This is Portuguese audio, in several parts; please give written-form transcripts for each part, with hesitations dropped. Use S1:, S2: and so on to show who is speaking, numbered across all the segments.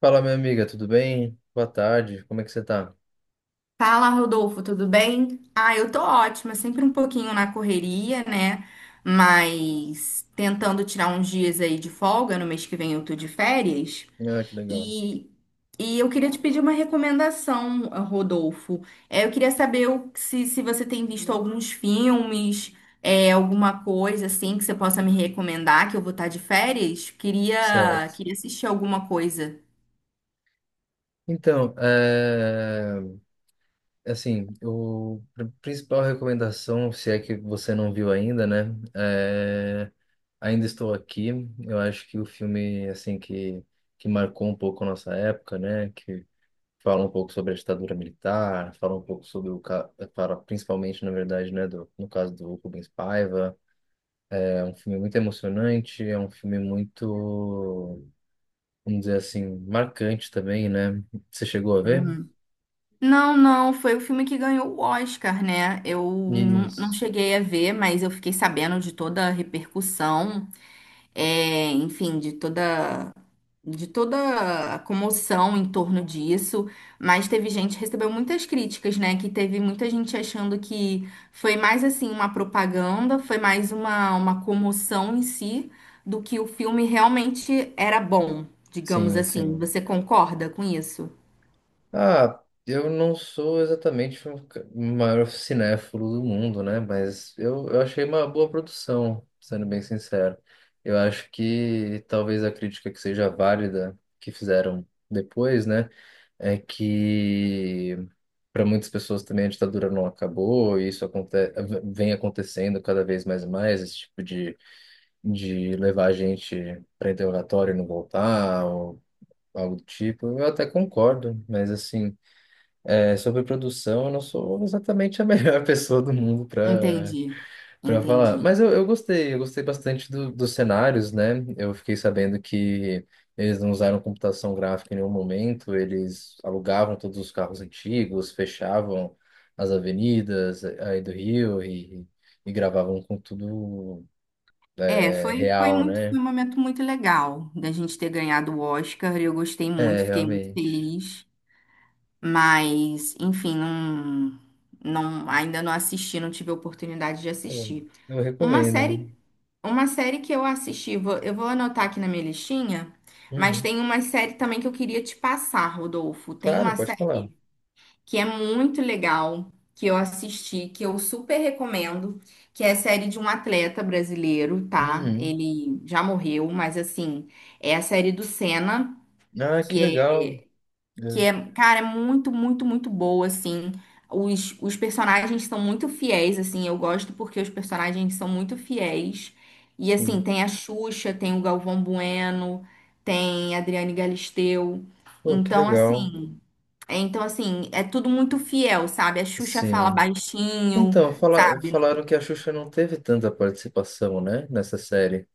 S1: Fala, minha amiga, tudo bem? Boa tarde, como é que você tá?
S2: Fala, Rodolfo, tudo bem? Eu tô ótima, sempre um pouquinho na correria, né? Mas tentando tirar uns dias aí de folga, no mês que vem eu tô de férias.
S1: Ah, que legal.
S2: E, e eu queria te pedir uma recomendação, Rodolfo. Eu queria saber se você tem visto alguns filmes, alguma coisa assim que você possa me recomendar, que eu vou estar de férias.
S1: Certo.
S2: Queria assistir alguma coisa.
S1: Então, é... assim, principal recomendação, se é que você não viu ainda, né? Ainda Estou Aqui. Eu acho que o filme, assim, que marcou um pouco a nossa época, né? Que fala um pouco sobre a ditadura militar, fala um pouco sobre Fala principalmente, na verdade, né? No caso do Rubens Paiva. É um filme muito emocionante, é um filme muito vamos dizer assim, marcante também, né? Você chegou a ver?
S2: Não, não, foi o filme que ganhou o Oscar, né? Eu não
S1: Isso.
S2: cheguei a ver, mas eu fiquei sabendo de toda a repercussão, enfim, de toda a comoção em torno disso. Mas teve gente que recebeu muitas críticas, né? Que teve muita gente achando que foi mais assim uma propaganda, foi mais uma comoção em si, do que o filme realmente era bom, digamos
S1: Sim,
S2: assim.
S1: sim.
S2: Você concorda com isso?
S1: Ah, Eu não sou exatamente o maior cinéfilo do mundo, né? Mas eu achei uma boa produção, sendo bem sincero. Eu acho que talvez a crítica que seja válida que fizeram depois, né? É que para muitas pessoas também a ditadura não acabou, e isso aconte vem acontecendo cada vez mais e mais, esse tipo de levar a gente para interrogatório e não voltar, ou algo do tipo, eu até concordo, mas assim, sobre produção, eu não sou exatamente a melhor pessoa do mundo para
S2: Entendi,
S1: para falar.
S2: entendi.
S1: Mas eu gostei bastante dos cenários, né? Eu fiquei sabendo que eles não usaram computação gráfica em nenhum momento, eles alugavam todos os carros antigos, fechavam as avenidas aí do Rio e gravavam com tudo
S2: Foi
S1: real,
S2: muito, foi
S1: né?
S2: um momento muito legal da gente ter ganhado o Oscar. Eu gostei
S1: É,
S2: muito, fiquei muito
S1: realmente.
S2: feliz. Mas, enfim, não, não, ainda não assisti, não tive a oportunidade de
S1: Pô,
S2: assistir.
S1: eu
S2: Uma
S1: recomendo.
S2: série, uma série que eu assisti, eu vou anotar aqui na minha listinha, mas
S1: Uhum.
S2: tem uma série também que eu queria te passar, Rodolfo. Tem
S1: Claro,
S2: uma
S1: pode falar.
S2: que é muito legal, que eu assisti, que eu super recomendo, que é a série de um atleta brasileiro, tá?
S1: Uhum.
S2: Ele já morreu, mas assim, é a série do Senna,
S1: Ah, que
S2: que
S1: legal.
S2: é,
S1: É,
S2: cara, é muito, muito, muito boa, assim. Os personagens são muito fiéis, assim, eu gosto porque os personagens são muito fiéis. E assim,
S1: sim.
S2: tem a Xuxa, tem o Galvão Bueno, tem a Adriane Galisteu.
S1: Pô, que
S2: Então,
S1: legal.
S2: assim, é tudo muito fiel, sabe? A Xuxa fala
S1: Sim.
S2: baixinho,
S1: Então,
S2: sabe?
S1: falaram que a Xuxa não teve tanta participação, né, nessa série.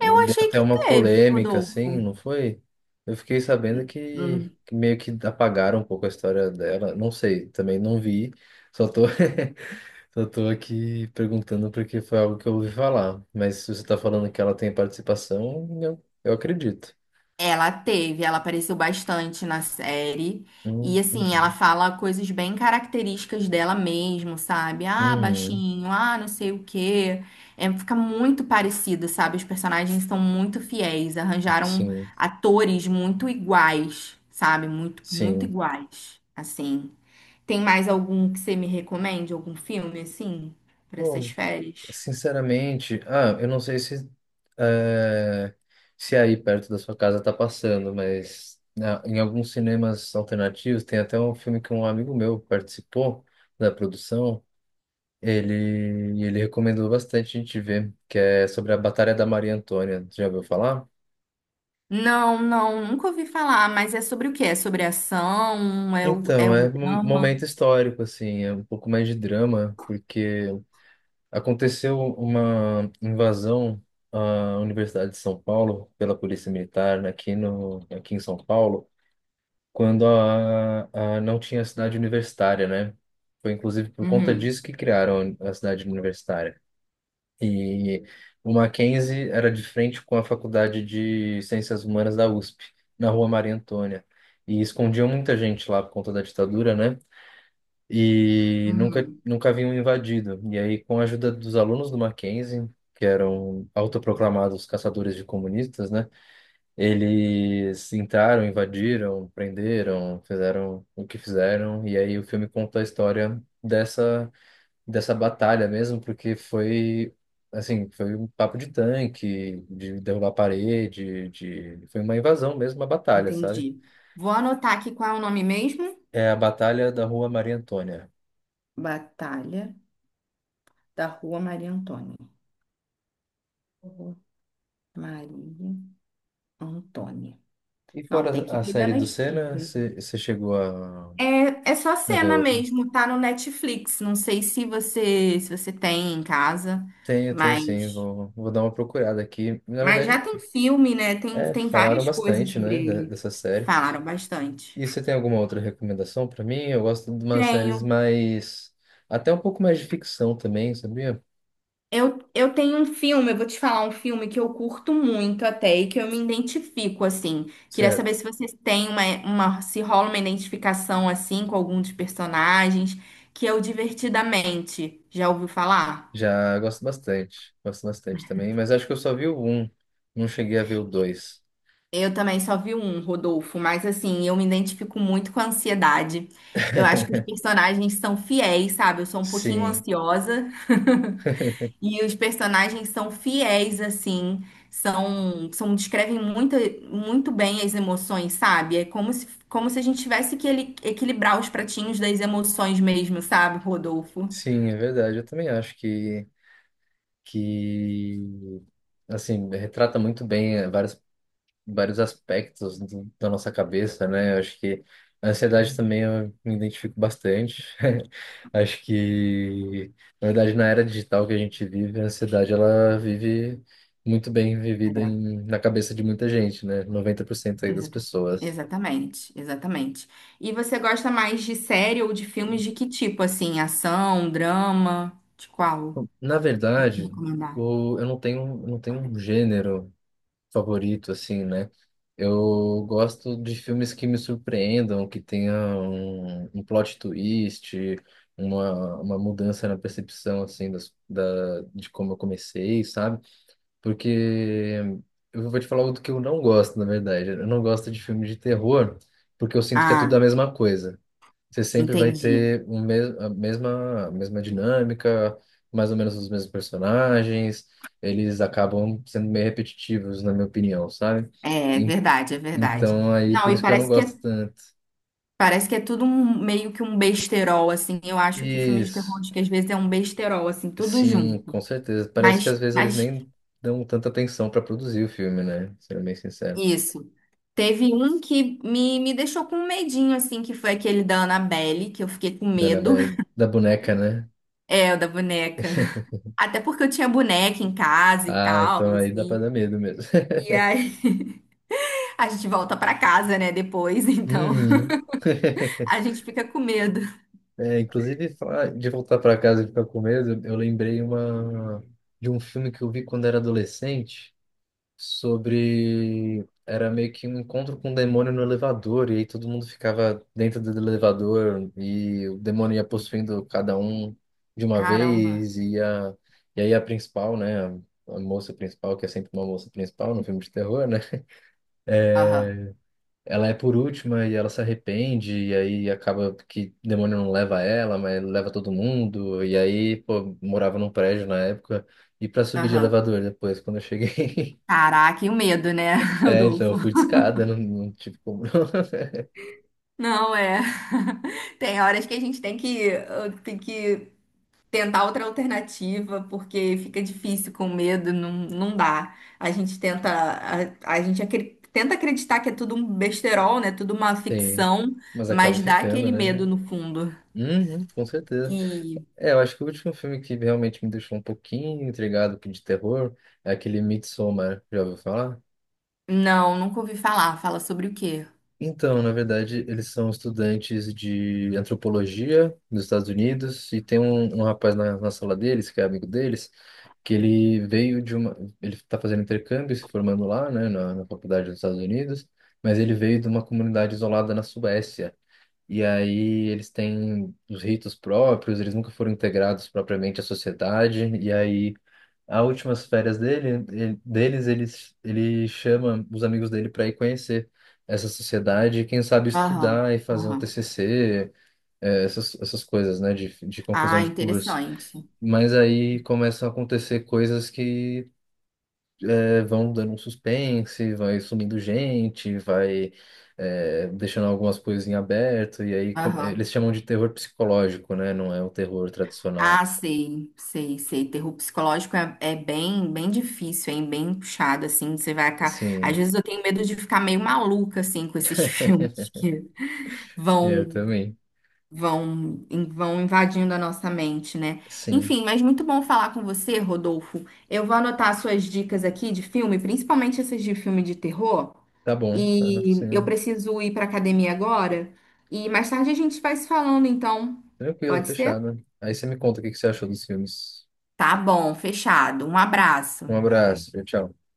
S1: E
S2: Eu
S1: deu
S2: achei
S1: até
S2: que
S1: uma
S2: teve,
S1: polêmica, assim,
S2: Rodolfo.
S1: não foi? Eu fiquei sabendo
S2: Hum.
S1: que meio que apagaram um pouco a história dela. Não sei, também não vi. Só tô. Só tô aqui perguntando porque foi algo que eu ouvi falar. Mas se você tá falando que ela tem participação, eu acredito.
S2: Ela teve, ela apareceu bastante na série. E assim,
S1: Entendi.
S2: ela fala coisas bem características dela mesmo, sabe? Ah,
S1: Uhum,
S2: baixinho, ah, não sei o quê. É, fica muito parecido, sabe? Os personagens são muito fiéis, arranjaram
S1: sim,
S2: atores muito iguais, sabe? Muito, muito
S1: sim.
S2: iguais, assim. Tem mais algum que você me recomende? Algum filme, assim, para essas
S1: Bom,
S2: férias?
S1: sinceramente, eu não sei se, é, se aí perto da sua casa tá passando, mas em alguns cinemas alternativos tem até um filme que um amigo meu participou da produção. Ele recomendou bastante a gente ver, que é sobre a Batalha da Maria Antônia. Já ouviu falar?
S2: Não, não, nunca ouvi falar, mas é sobre o quê? É sobre ação? É
S1: Então,
S2: um
S1: é um
S2: drama?
S1: momento histórico, assim, é um pouco mais de drama, porque aconteceu uma invasão à Universidade de São Paulo pela Polícia Militar aqui no, aqui em São Paulo, quando a, a não tinha cidade universitária, né? Foi inclusive por conta
S2: Uhum,
S1: disso que criaram a cidade universitária. E o Mackenzie era de frente com a Faculdade de Ciências Humanas da USP, na Rua Maria Antônia. E escondiam muita gente lá por conta da ditadura, né? E
S2: uhum,
S1: nunca haviam invadido. E aí, com a ajuda dos alunos do Mackenzie, que eram autoproclamados caçadores de comunistas, né? Eles entraram, invadiram, prenderam, fizeram o que fizeram. E aí o filme conta a história dessa batalha mesmo, porque foi assim, foi um papo de tanque, de derrubar parede, de foi uma invasão mesmo, uma batalha, sabe?
S2: entendi. Vou anotar aqui qual é o nome mesmo?
S1: É a Batalha da Rua Maria Antônia.
S2: Batalha da Rua Maria Antônia. Rua Maria Antônia.
S1: E
S2: Não,
S1: fora
S2: tem que
S1: a
S2: pegar
S1: série do
S2: nas
S1: Senna,
S2: dicas. É, é só
S1: a ver
S2: cena
S1: outra?
S2: mesmo, tá no Netflix. Não sei se você tem em casa,
S1: Tenho, tenho sim,
S2: mas
S1: vou dar uma procurada aqui. Na
S2: mas já
S1: verdade,
S2: tem filme, né? Tem, tem
S1: falaram
S2: várias coisas
S1: bastante,
S2: sobre
S1: né,
S2: ele.
S1: dessa série.
S2: Falaram bastante.
S1: E você tem alguma outra recomendação para mim? Eu gosto de umas séries
S2: Tenho.
S1: mais... Até um pouco mais de ficção também, sabia?
S2: Eu tenho um filme, eu vou te falar um filme que eu curto muito até e que eu me identifico, assim. Queria saber
S1: Certo.
S2: se vocês têm se rola uma identificação, assim, com algum dos personagens, que é o Divertidamente. Já ouviu falar?
S1: Já gosto bastante também, mas acho que eu só vi o um, não cheguei a ver o dois.
S2: Eu também só vi um, Rodolfo, mas assim, eu me identifico muito com a ansiedade. Eu acho que os personagens são fiéis, sabe? Eu sou um pouquinho
S1: Sim,
S2: ansiosa. E os personagens são fiéis, assim, são, são descrevem muito, muito bem as emoções, sabe? É como se a gente tivesse que equilibrar os pratinhos das emoções mesmo, sabe, Rodolfo?
S1: sim, é verdade, eu também acho que assim retrata muito bem vários vários aspectos da nossa cabeça, né? Eu acho que a ansiedade também eu me identifico bastante. Acho que na verdade na era digital que a gente vive, a ansiedade ela vive muito bem vivida
S2: É,
S1: na cabeça de muita gente, né? 90% aí das
S2: exata-
S1: pessoas.
S2: exatamente, exatamente. E você gosta mais de série ou de filmes de que tipo, assim, ação, drama, de qual?
S1: Na verdade,
S2: Recomendar.
S1: eu não tenho um gênero favorito, assim, né? Eu gosto de filmes que me surpreendam, que tenham um plot twist, uma mudança na percepção, assim, de como eu comecei, sabe? Porque eu vou te falar o que eu não gosto, na verdade. Eu não gosto de filme de terror, porque eu sinto que é tudo a
S2: Ah,
S1: mesma coisa você sempre vai
S2: entendi.
S1: ter a mesma dinâmica, mais ou menos os mesmos personagens, eles acabam sendo meio repetitivos, na minha opinião, sabe?
S2: É, é
S1: En-
S2: verdade, é verdade.
S1: Então, aí,
S2: Não,
S1: por
S2: e
S1: isso que eu não
S2: parece que é
S1: gosto tanto.
S2: Parece que é meio que um besterol, assim. Eu acho que filme de terror,
S1: Isso,
S2: acho que às vezes é um besterol, assim, tudo
S1: sim, com
S2: junto.
S1: certeza. Parece que às
S2: Mas,
S1: vezes eles
S2: mas
S1: nem dão tanta atenção para produzir o filme, né? Sendo bem sincero.
S2: isso. Teve um que me deixou com um medinho, assim, que foi aquele da Annabelle, que eu fiquei com medo.
S1: Da boneca, né?
S2: É, o da boneca. Até porque eu tinha boneca em casa e
S1: Ah,
S2: tal,
S1: então aí dá pra
S2: assim.
S1: dar medo mesmo.
S2: E aí a gente volta pra casa, né, depois, então
S1: Uhum.
S2: a gente fica com medo.
S1: É, inclusive, falar de voltar para casa e ficar com medo, eu lembrei de um filme que eu vi quando era adolescente, sobre... Era meio que um encontro com um demônio no elevador, e aí todo mundo ficava dentro do elevador, e o demônio ia possuindo cada um de uma
S2: Caramba.
S1: vez, e aí a principal, né, a moça principal, que é sempre uma moça principal no filme de terror, né,
S2: Aham,
S1: ela é por última e ela se arrepende, e aí acaba que o demônio não leva ela, mas leva todo mundo. E aí, pô, morava num prédio na época, e pra subir de
S2: aham.
S1: elevador depois, quando eu cheguei.
S2: Caraca, e o medo, né,
S1: É, então,
S2: Rodolfo?
S1: eu fui de escada, não tive como. Não.
S2: Não é. Tem horas que a gente tem que, tem que tentar outra alternativa, porque fica difícil com medo, não, não dá. A gente tenta, a gente tenta acreditar que é tudo um besterol, né? Tudo uma
S1: Sim,
S2: ficção,
S1: mas acaba
S2: mas dá
S1: ficando,
S2: aquele
S1: né?
S2: medo no fundo.
S1: Uhum, com certeza.
S2: E
S1: É, eu acho que o último filme que realmente me deixou um pouquinho intrigado que de terror é aquele Midsommar, já ouviu falar?
S2: não, nunca ouvi falar. Fala sobre o quê?
S1: Então, na verdade, eles são estudantes de antropologia nos Estados Unidos e tem um rapaz na sala deles, que é amigo deles, que ele veio de uma... Ele está fazendo intercâmbio, se formando lá, né, na faculdade dos Estados Unidos, mas ele veio de uma comunidade isolada na Suécia. E aí eles têm os ritos próprios, eles nunca foram integrados propriamente à sociedade, e aí as últimas férias deles, ele chama os amigos dele para ir conhecer essa sociedade e, quem sabe,
S2: Aham,
S1: estudar e fazer um
S2: aham.
S1: TCC, essas coisas, né, de conclusão
S2: Ah,
S1: de curso.
S2: interessante.
S1: Mas aí começam a acontecer coisas que vão dando um suspense, vai sumindo gente, vai deixando algumas coisas em aberto, e aí
S2: Aham.
S1: eles chamam de terror psicológico, né, não é o terror tradicional.
S2: Ah, sei, sei, sei. Terror psicológico é, é bem, bem difícil, hein? Bem puxado, assim. Você vai acabar. Às
S1: Sim,
S2: vezes eu tenho medo de ficar meio maluca, assim, com esses filmes que
S1: É, eu
S2: vão,
S1: também.
S2: vão invadindo a nossa mente, né?
S1: Sim.
S2: Enfim, mas muito bom falar com você, Rodolfo. Eu vou anotar as suas dicas aqui de filme, principalmente essas de filme de terror.
S1: Tá bom, tá
S2: E eu
S1: sendo
S2: preciso ir para academia agora. E mais tarde a gente vai se falando, então.
S1: tranquilo,
S2: Pode ser?
S1: fechado. Aí você me conta o que que você achou dos filmes.
S2: Tá bom, fechado. Um
S1: Um
S2: abraço.
S1: abraço, tchau. Tchau.